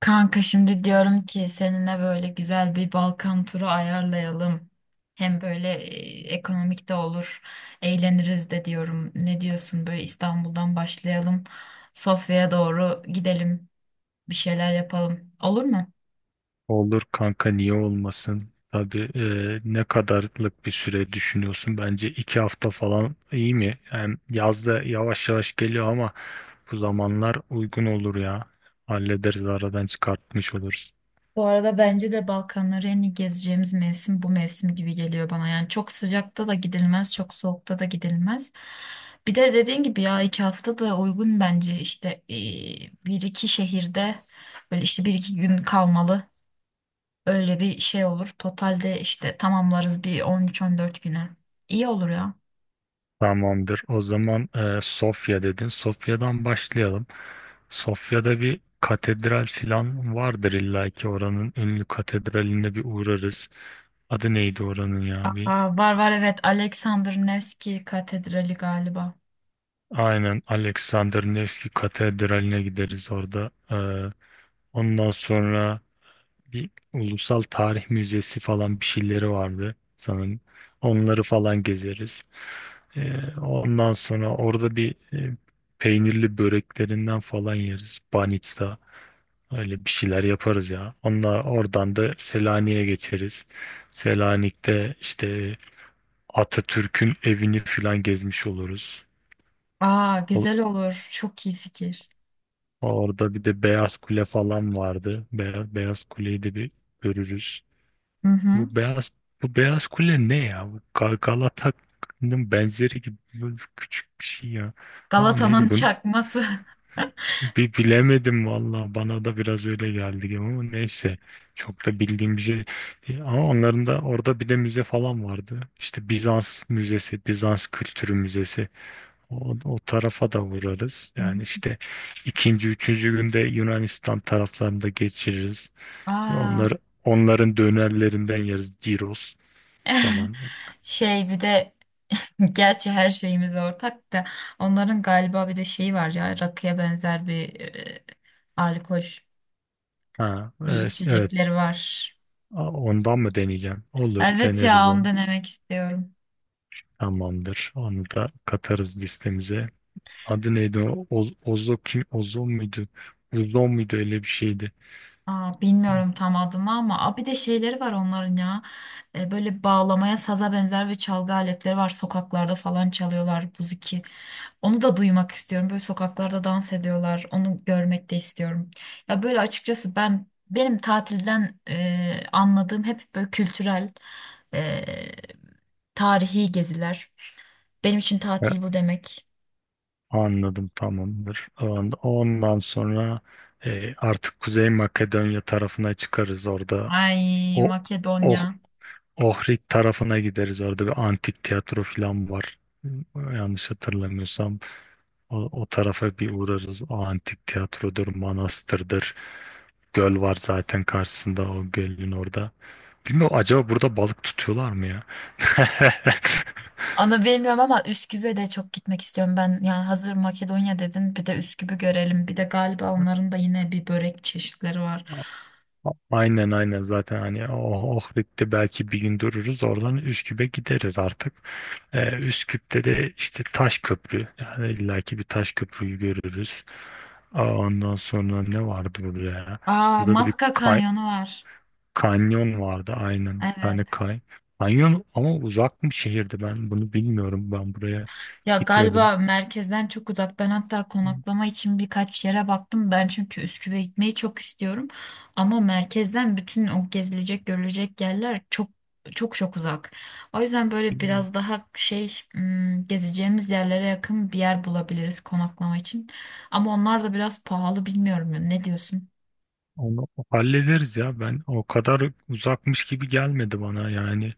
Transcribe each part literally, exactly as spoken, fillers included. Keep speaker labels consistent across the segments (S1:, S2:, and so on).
S1: Kanka şimdi diyorum ki seninle böyle güzel bir Balkan turu ayarlayalım. Hem böyle e, ekonomik de olur, eğleniriz de diyorum. Ne diyorsun? Böyle İstanbul'dan başlayalım, Sofya'ya doğru gidelim, bir şeyler yapalım. Olur mu?
S2: Olur kanka niye olmasın? Tabii e, ne kadarlık bir süre düşünüyorsun? Bence iki hafta falan iyi mi? Hem yazda yavaş yavaş geliyor ama bu zamanlar uygun olur ya. Hallederiz aradan çıkartmış oluruz.
S1: Bu arada bence de Balkanları en iyi gezeceğimiz mevsim bu mevsim gibi geliyor bana. Yani çok sıcakta da gidilmez, çok soğukta da gidilmez. Bir de dediğin gibi ya iki hafta da uygun bence işte e, bir iki şehirde böyle işte bir iki gün kalmalı. Öyle bir şey olur. Totalde işte tamamlarız bir on üç on dört güne. İyi olur ya.
S2: Tamamdır. O zaman e, Sofya dedin. Sofya'dan başlayalım. Sofya'da bir katedral filan vardır illa ki oranın ünlü katedraline bir uğrarız. Adı neydi oranın ya?
S1: Aa, var var evet, Alexander Nevski Katedrali galiba.
S2: Aynen Alexander Nevski Katedrali'ne gideriz orada. Ee, ondan sonra bir Ulusal Tarih Müzesi falan bir şeyleri vardı sanırım. Onları falan gezeriz. Ee, ondan sonra orada bir e, peynirli böreklerinden falan yeriz. Banitsa öyle bir şeyler yaparız ya. Onlar oradan da Selanik'e geçeriz. Selanik'te işte Atatürk'ün evini falan gezmiş oluruz.
S1: Aa, güzel olur. Çok iyi fikir.
S2: Orada bir de Beyaz Kule falan vardı. Beyaz, Beyaz Kule'yi de bir görürüz.
S1: Hı hı.
S2: Bu Beyaz bu Beyaz Kule ne ya? Bu Ga- Galata'nın benzeri gibi böyle küçük bir şey ya. Aa
S1: Galata'nın
S2: neyse bunu
S1: çakması.
S2: bir bilemedim valla. Bana da biraz öyle geldi gibi ama neyse. Çok da bildiğim bir şey değil. Ama onların da orada bir de müze falan vardı. İşte Bizans Müzesi, Bizans Kültürü Müzesi. O, o tarafa da vurarız.
S1: Hı.
S2: Yani işte ikinci, üçüncü günde Yunanistan taraflarında geçiririz. Onlar,
S1: Aa.
S2: onların dönerlerinden yeriz. Gyros falan.
S1: Şey, bir de gerçi her şeyimiz ortak da onların galiba bir de şeyi var ya, rakıya benzer bir e, alkol
S2: Ha,
S1: bir
S2: evet, evet.
S1: içecekleri var.
S2: A- Ondan mı deneyeceğim? Olur,
S1: Evet
S2: deneriz
S1: ya, onu
S2: onu.
S1: denemek istiyorum.
S2: Tamamdır. Onu da katarız listemize. Adı neydi o? Oz, Ozo kim? Ozon muydu? Uzon muydu? Öyle bir şeydi.
S1: Aa, bilmiyorum tam adını ama aa, bir de şeyleri var onların ya. E, böyle bağlamaya, saza benzer ve çalgı aletleri var, sokaklarda falan çalıyorlar, buziki, onu da duymak istiyorum. Böyle sokaklarda dans ediyorlar, onu görmek de istiyorum ya. Böyle açıkçası ben, benim tatilden e, anladığım hep böyle kültürel, e, tarihi geziler. Benim için tatil bu demek.
S2: Anladım, tamamdır. On- Ondan sonra e, artık Kuzey Makedonya tarafına çıkarız orada.
S1: Ay,
S2: O
S1: Makedonya.
S2: oh, Ohrid tarafına gideriz. Orada bir antik tiyatro falan var. Yanlış hatırlamıyorsam o, o tarafa bir uğrarız. O antik tiyatrodur, manastırdır. Göl var zaten karşısında o gölün orada. Bilmiyorum acaba burada balık tutuyorlar mı ya?
S1: Onu bilmiyorum ama Üsküp'e de çok gitmek istiyorum ben. Yani hazır Makedonya dedin, bir de Üsküp'ü görelim. Bir de galiba onların da yine bir börek çeşitleri var.
S2: Aynen aynen zaten hani oh, Ohrid'de belki bir gün dururuz oradan Üsküp'e gideriz artık. Ee, Üsküp'te de işte taş köprü yani illaki bir taş köprüyü görürüz. Aa, ondan sonra ne vardı burada ya?
S1: Aa,
S2: Burada da bir
S1: Matka
S2: kay
S1: Kanyonu var.
S2: kanyon vardı aynen bir tane
S1: Evet.
S2: kay. Kanyon ama uzak mı şehirdi ben bunu bilmiyorum ben buraya
S1: Ya
S2: gitmedim.
S1: galiba merkezden çok uzak. Ben hatta konaklama için birkaç yere baktım. Ben çünkü Üsküp'e gitmeyi çok istiyorum. Ama merkezden bütün o gezilecek, görülecek yerler çok çok çok uzak. O yüzden böyle biraz daha şey, hmm, gezeceğimiz yerlere yakın bir yer bulabiliriz konaklama için. Ama onlar da biraz pahalı, bilmiyorum ya. Ne diyorsun?
S2: Onu hallederiz ya ben o kadar uzakmış gibi gelmedi bana yani.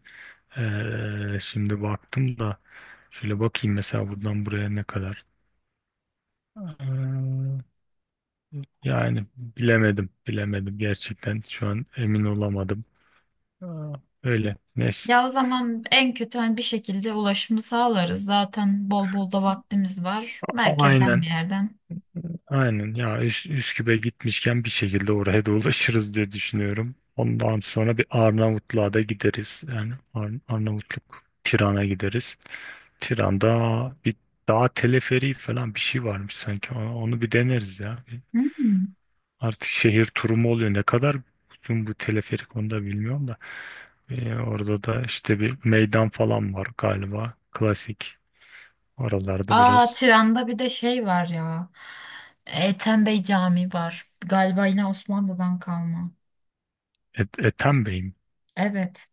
S2: Ee, şimdi baktım da şöyle bakayım mesela buradan buraya ne kadar. Ee, yani bilemedim, bilemedim gerçekten. Şu an emin olamadım. Ee, öyle. Neyse.
S1: Ya o zaman en kötü hani bir şekilde ulaşımı sağlarız. Zaten bol bol da vaktimiz var. Merkezden bir
S2: Aynen,
S1: yerden.
S2: aynen. Ya Üs Üsküp'e gitmişken bir şekilde oraya da ulaşırız diye düşünüyorum. Ondan sonra bir Arnavutluğa da gideriz. Yani Ar Arnavutluk Tiran'a gideriz. Tiran'da bir dağ teleferiği falan bir şey varmış sanki. Onu onu bir deneriz ya.
S1: Hmm.
S2: Artık şehir turu mu oluyor? Ne kadar uzun bu teleferik onu da bilmiyorum da. Ee, orada da işte bir meydan falan var galiba. Klasik. Oralarda
S1: Aa,
S2: biraz
S1: Tiran'da bir de şey var ya. Ethem Bey Camii var. Galiba yine Osmanlı'dan kalma.
S2: Et Ethem Bey mi?
S1: Evet.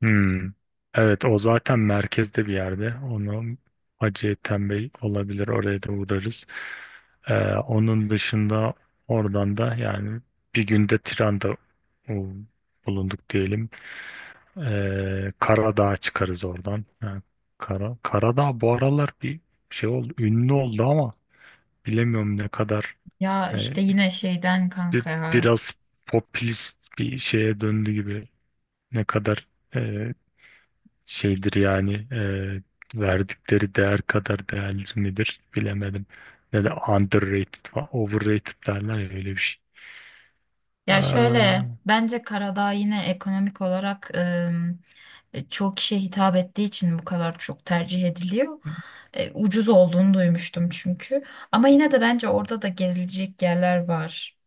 S2: Hmm. Evet o zaten merkezde bir yerde. Onu Hacı Ethem Bey olabilir. Oraya da uğrarız. Ee, onun dışında oradan da yani bir günde Tiran'da o, bulunduk diyelim. Ee, Karadağ'a çıkarız oradan. Ha, Kara, Karadağ bu aralar bir şey oldu, ünlü oldu ama bilemiyorum ne kadar
S1: Ya
S2: e,
S1: işte yine şeyden
S2: bir-
S1: kanka ya.
S2: biraz popülist bir şeye döndü gibi. Ne kadar e, şeydir yani e, verdikleri değer kadar değerli midir bilemedim. Ne de underrated falan, overrated derler ya öyle bir şey.
S1: Ya
S2: Aa,
S1: şöyle, bence Karadağ yine ekonomik olarak ım, e, çoğu kişiye hitap ettiği için bu kadar çok tercih ediliyor. E, ucuz olduğunu duymuştum çünkü. Ama yine de bence orada da gezilecek yerler var.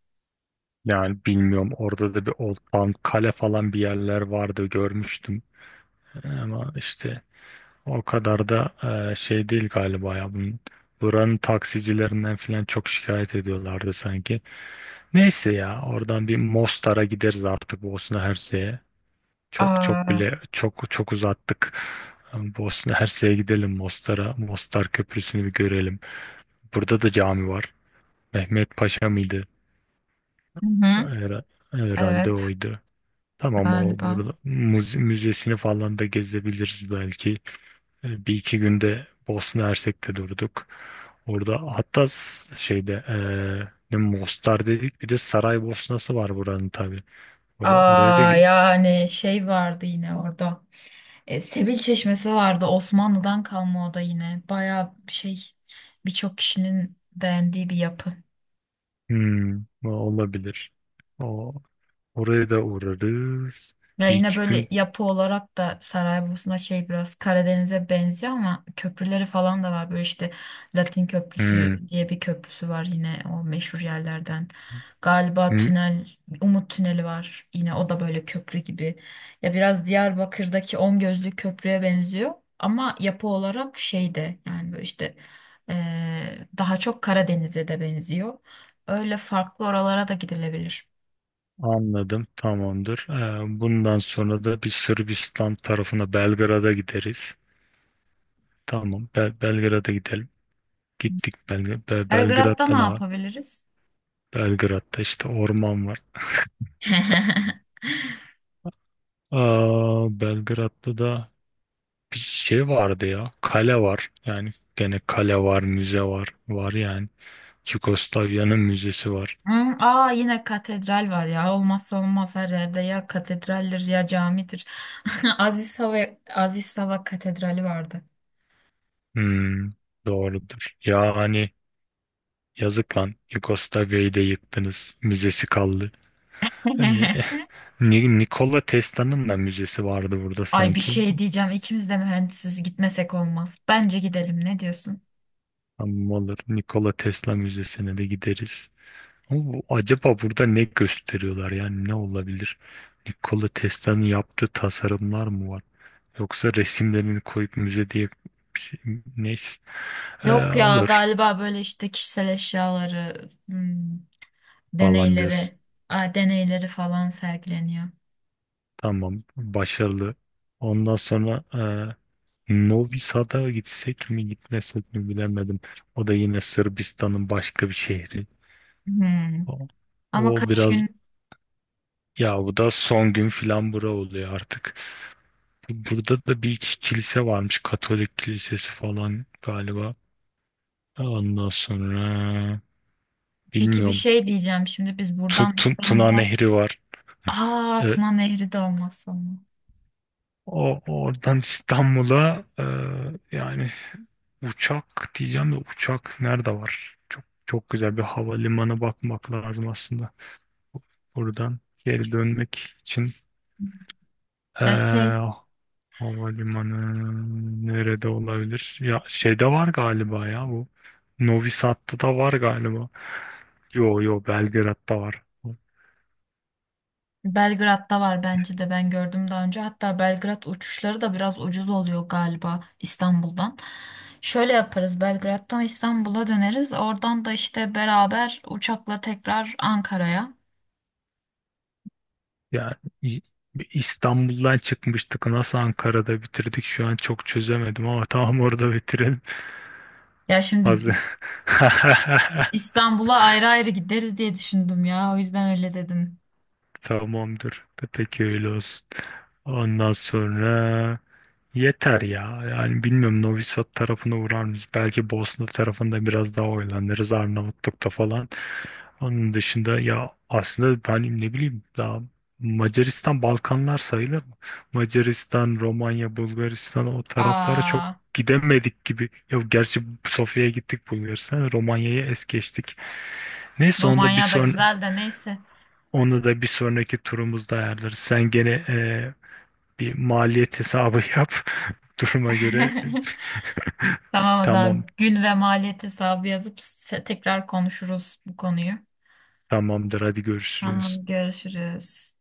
S2: yani bilmiyorum orada da bir Old Town Kale falan bir yerler vardı görmüştüm ama işte o kadar da e, şey değil galiba ya. Bunun, buranın taksicilerinden falan çok şikayet ediyorlardı sanki. Neyse ya oradan bir Mostar'a gideriz artık Bosna Hersek'e. Çok çok
S1: Aa.
S2: bile çok çok uzattık. Bosna Hersek'e gidelim Mostar'a. Mostar Köprüsü'nü bir görelim. Burada da cami var. Mehmet Paşa mıydı?
S1: Hı hı.
S2: Her- Herhalde
S1: Evet
S2: oydu. Tamam o
S1: galiba.
S2: burada müze- müzesini falan da gezebiliriz belki. E, Bir iki günde Bosna Hersek'te durduk. Orada hatta s- şeyde e, ne Mostar dedik bir de Saraybosna'sı var buranın tabii. Ora- oraya da
S1: Aa,
S2: gi-
S1: yani şey vardı yine orada. E, Sebil Çeşmesi vardı. Osmanlı'dan kalma o da yine. Bayağı şey, birçok kişinin beğendiği bir yapı.
S2: hmm, o olabilir. O, oraya da uğrarız.
S1: Ya
S2: Bir
S1: yine
S2: iki
S1: böyle
S2: gün.
S1: yapı olarak da Saraybosna şey, biraz Karadeniz'e benziyor ama köprüleri falan da var. Böyle işte Latin Köprüsü
S2: Hmm,
S1: diye bir köprüsü var, yine o meşhur yerlerden. Galiba
S2: hmm,
S1: tünel, Umut Tüneli var. Yine o da böyle köprü gibi. Ya biraz Diyarbakır'daki On Gözlü Köprü'ye benziyor. Ama yapı olarak şeyde, yani böyle işte eee, daha çok Karadeniz'e de benziyor. Öyle, farklı oralara da gidilebilir.
S2: anladım, tamamdır. E, bundan sonra da bir Sırbistan tarafına Belgrad'a gideriz. Tamam Bel Belgrad'a gidelim. Gittik Belg Be-
S1: Belgrad'da
S2: Belgrad'da
S1: ne
S2: ne var?
S1: yapabiliriz?
S2: Belgrad'da işte orman var. Aa, Belgrad'da da bir şey vardı ya. Kale var. Yani gene kale var, müze var. Var yani. Yugoslavya'nın müzesi var.
S1: Hı, aa, yine katedral var ya. Olmazsa olmaz, her yerde ya katedraldir ya camidir. Aziz Hava Aziz Hava Katedrali vardı.
S2: Hmm, doğrudur. Ya hani yazık lan. Yugoslavya'yı da yıktınız. Müzesi kaldı. Ne? Ni- Nikola Tesla'nın da müzesi vardı burada
S1: Ay, bir
S2: sanki.
S1: şey diyeceğim. İkimiz de mühendisiz, gitmesek olmaz. Bence gidelim. Ne diyorsun?
S2: Ama olur. Nikola Tesla Müzesi'ne de gideriz. Ama bu- acaba burada ne gösteriyorlar yani ne olabilir? Nikola Tesla'nın yaptığı tasarımlar mı var? Yoksa resimlerini koyup müze diye bir şey, neyse. Ee,
S1: Yok ya,
S2: olur
S1: galiba böyle işte kişisel eşyaları, hmm,
S2: falan diyorsun.
S1: deneyleri, a, deneyleri falan sergileniyor.
S2: Tamam, başarılı. Ondan sonra e, Novi Sad'a gitsek mi gitmesek mi bilemedim. O da yine Sırbistan'ın başka bir şehri.
S1: Hmm.
S2: O,
S1: Ama
S2: o
S1: kaç
S2: biraz
S1: gün?
S2: ya bu da son gün filan bura oluyor artık. Burada da bir iki kilise varmış. Katolik kilisesi falan galiba. Ondan sonra
S1: Peki, bir
S2: bilmiyorum.
S1: şey diyeceğim. Şimdi biz
S2: Tu,
S1: buradan
S2: Tu- Tuna
S1: İstanbul'a.
S2: Nehri var.
S1: Aa,
S2: Evet.
S1: Tuna Nehri de olmazsa olmaz.
S2: O, oradan İstanbul'a e, yani uçak diyeceğim de uçak nerede var? Çok çok güzel bir havalimanı bakmak lazım aslında. Buradan geri dönmek için. E,
S1: Ya şey,
S2: Havalimanı nerede olabilir? Ya şeyde var galiba ya bu. Novi Sad'da da var galiba. Yo yo Belgrad'da var.
S1: Belgrad'da var bence de, ben gördüm daha önce. Hatta Belgrad uçuşları da biraz ucuz oluyor galiba İstanbul'dan. Şöyle yaparız, Belgrad'dan İstanbul'a döneriz. Oradan da işte beraber uçakla tekrar Ankara'ya.
S2: Yani İ- İstanbul'dan çıkmıştık. Nasıl Ankara'da bitirdik şu an çok çözemedim ama tamam orada bitirelim.
S1: Ya şimdi
S2: Hazır.
S1: İs- İstanbul'a ayrı ayrı gideriz diye düşündüm ya. O yüzden öyle dedim.
S2: Tamamdır. Peki öyle olsun. Ondan sonra yeter ya. Yani bilmiyorum Novi Sad tarafına uğrar mıyız? Belki Bosna tarafında biraz daha oynanırız Arnavutluk'ta falan. Onun dışında ya aslında ben ne bileyim daha Macaristan Balkanlar sayılır mı? Macaristan, Romanya, Bulgaristan o taraflara çok
S1: Aa,
S2: gidemedik gibi. Ya gerçi Sofya'ya gittik Bulgaristan, Romanya'ya es geçtik. Neyse onu da bir
S1: Romanya da
S2: son
S1: güzel de, neyse.
S2: onu da bir sonraki turumuzda ayarlarız. Sen gene bir maliyet hesabı yap. Duruma göre
S1: Tamam, o
S2: tamam
S1: zaman gün ve maliyet hesabı yazıp se- tekrar konuşuruz bu konuyu.
S2: tamamdır hadi görüşürüz.
S1: Tamam, görüşürüz.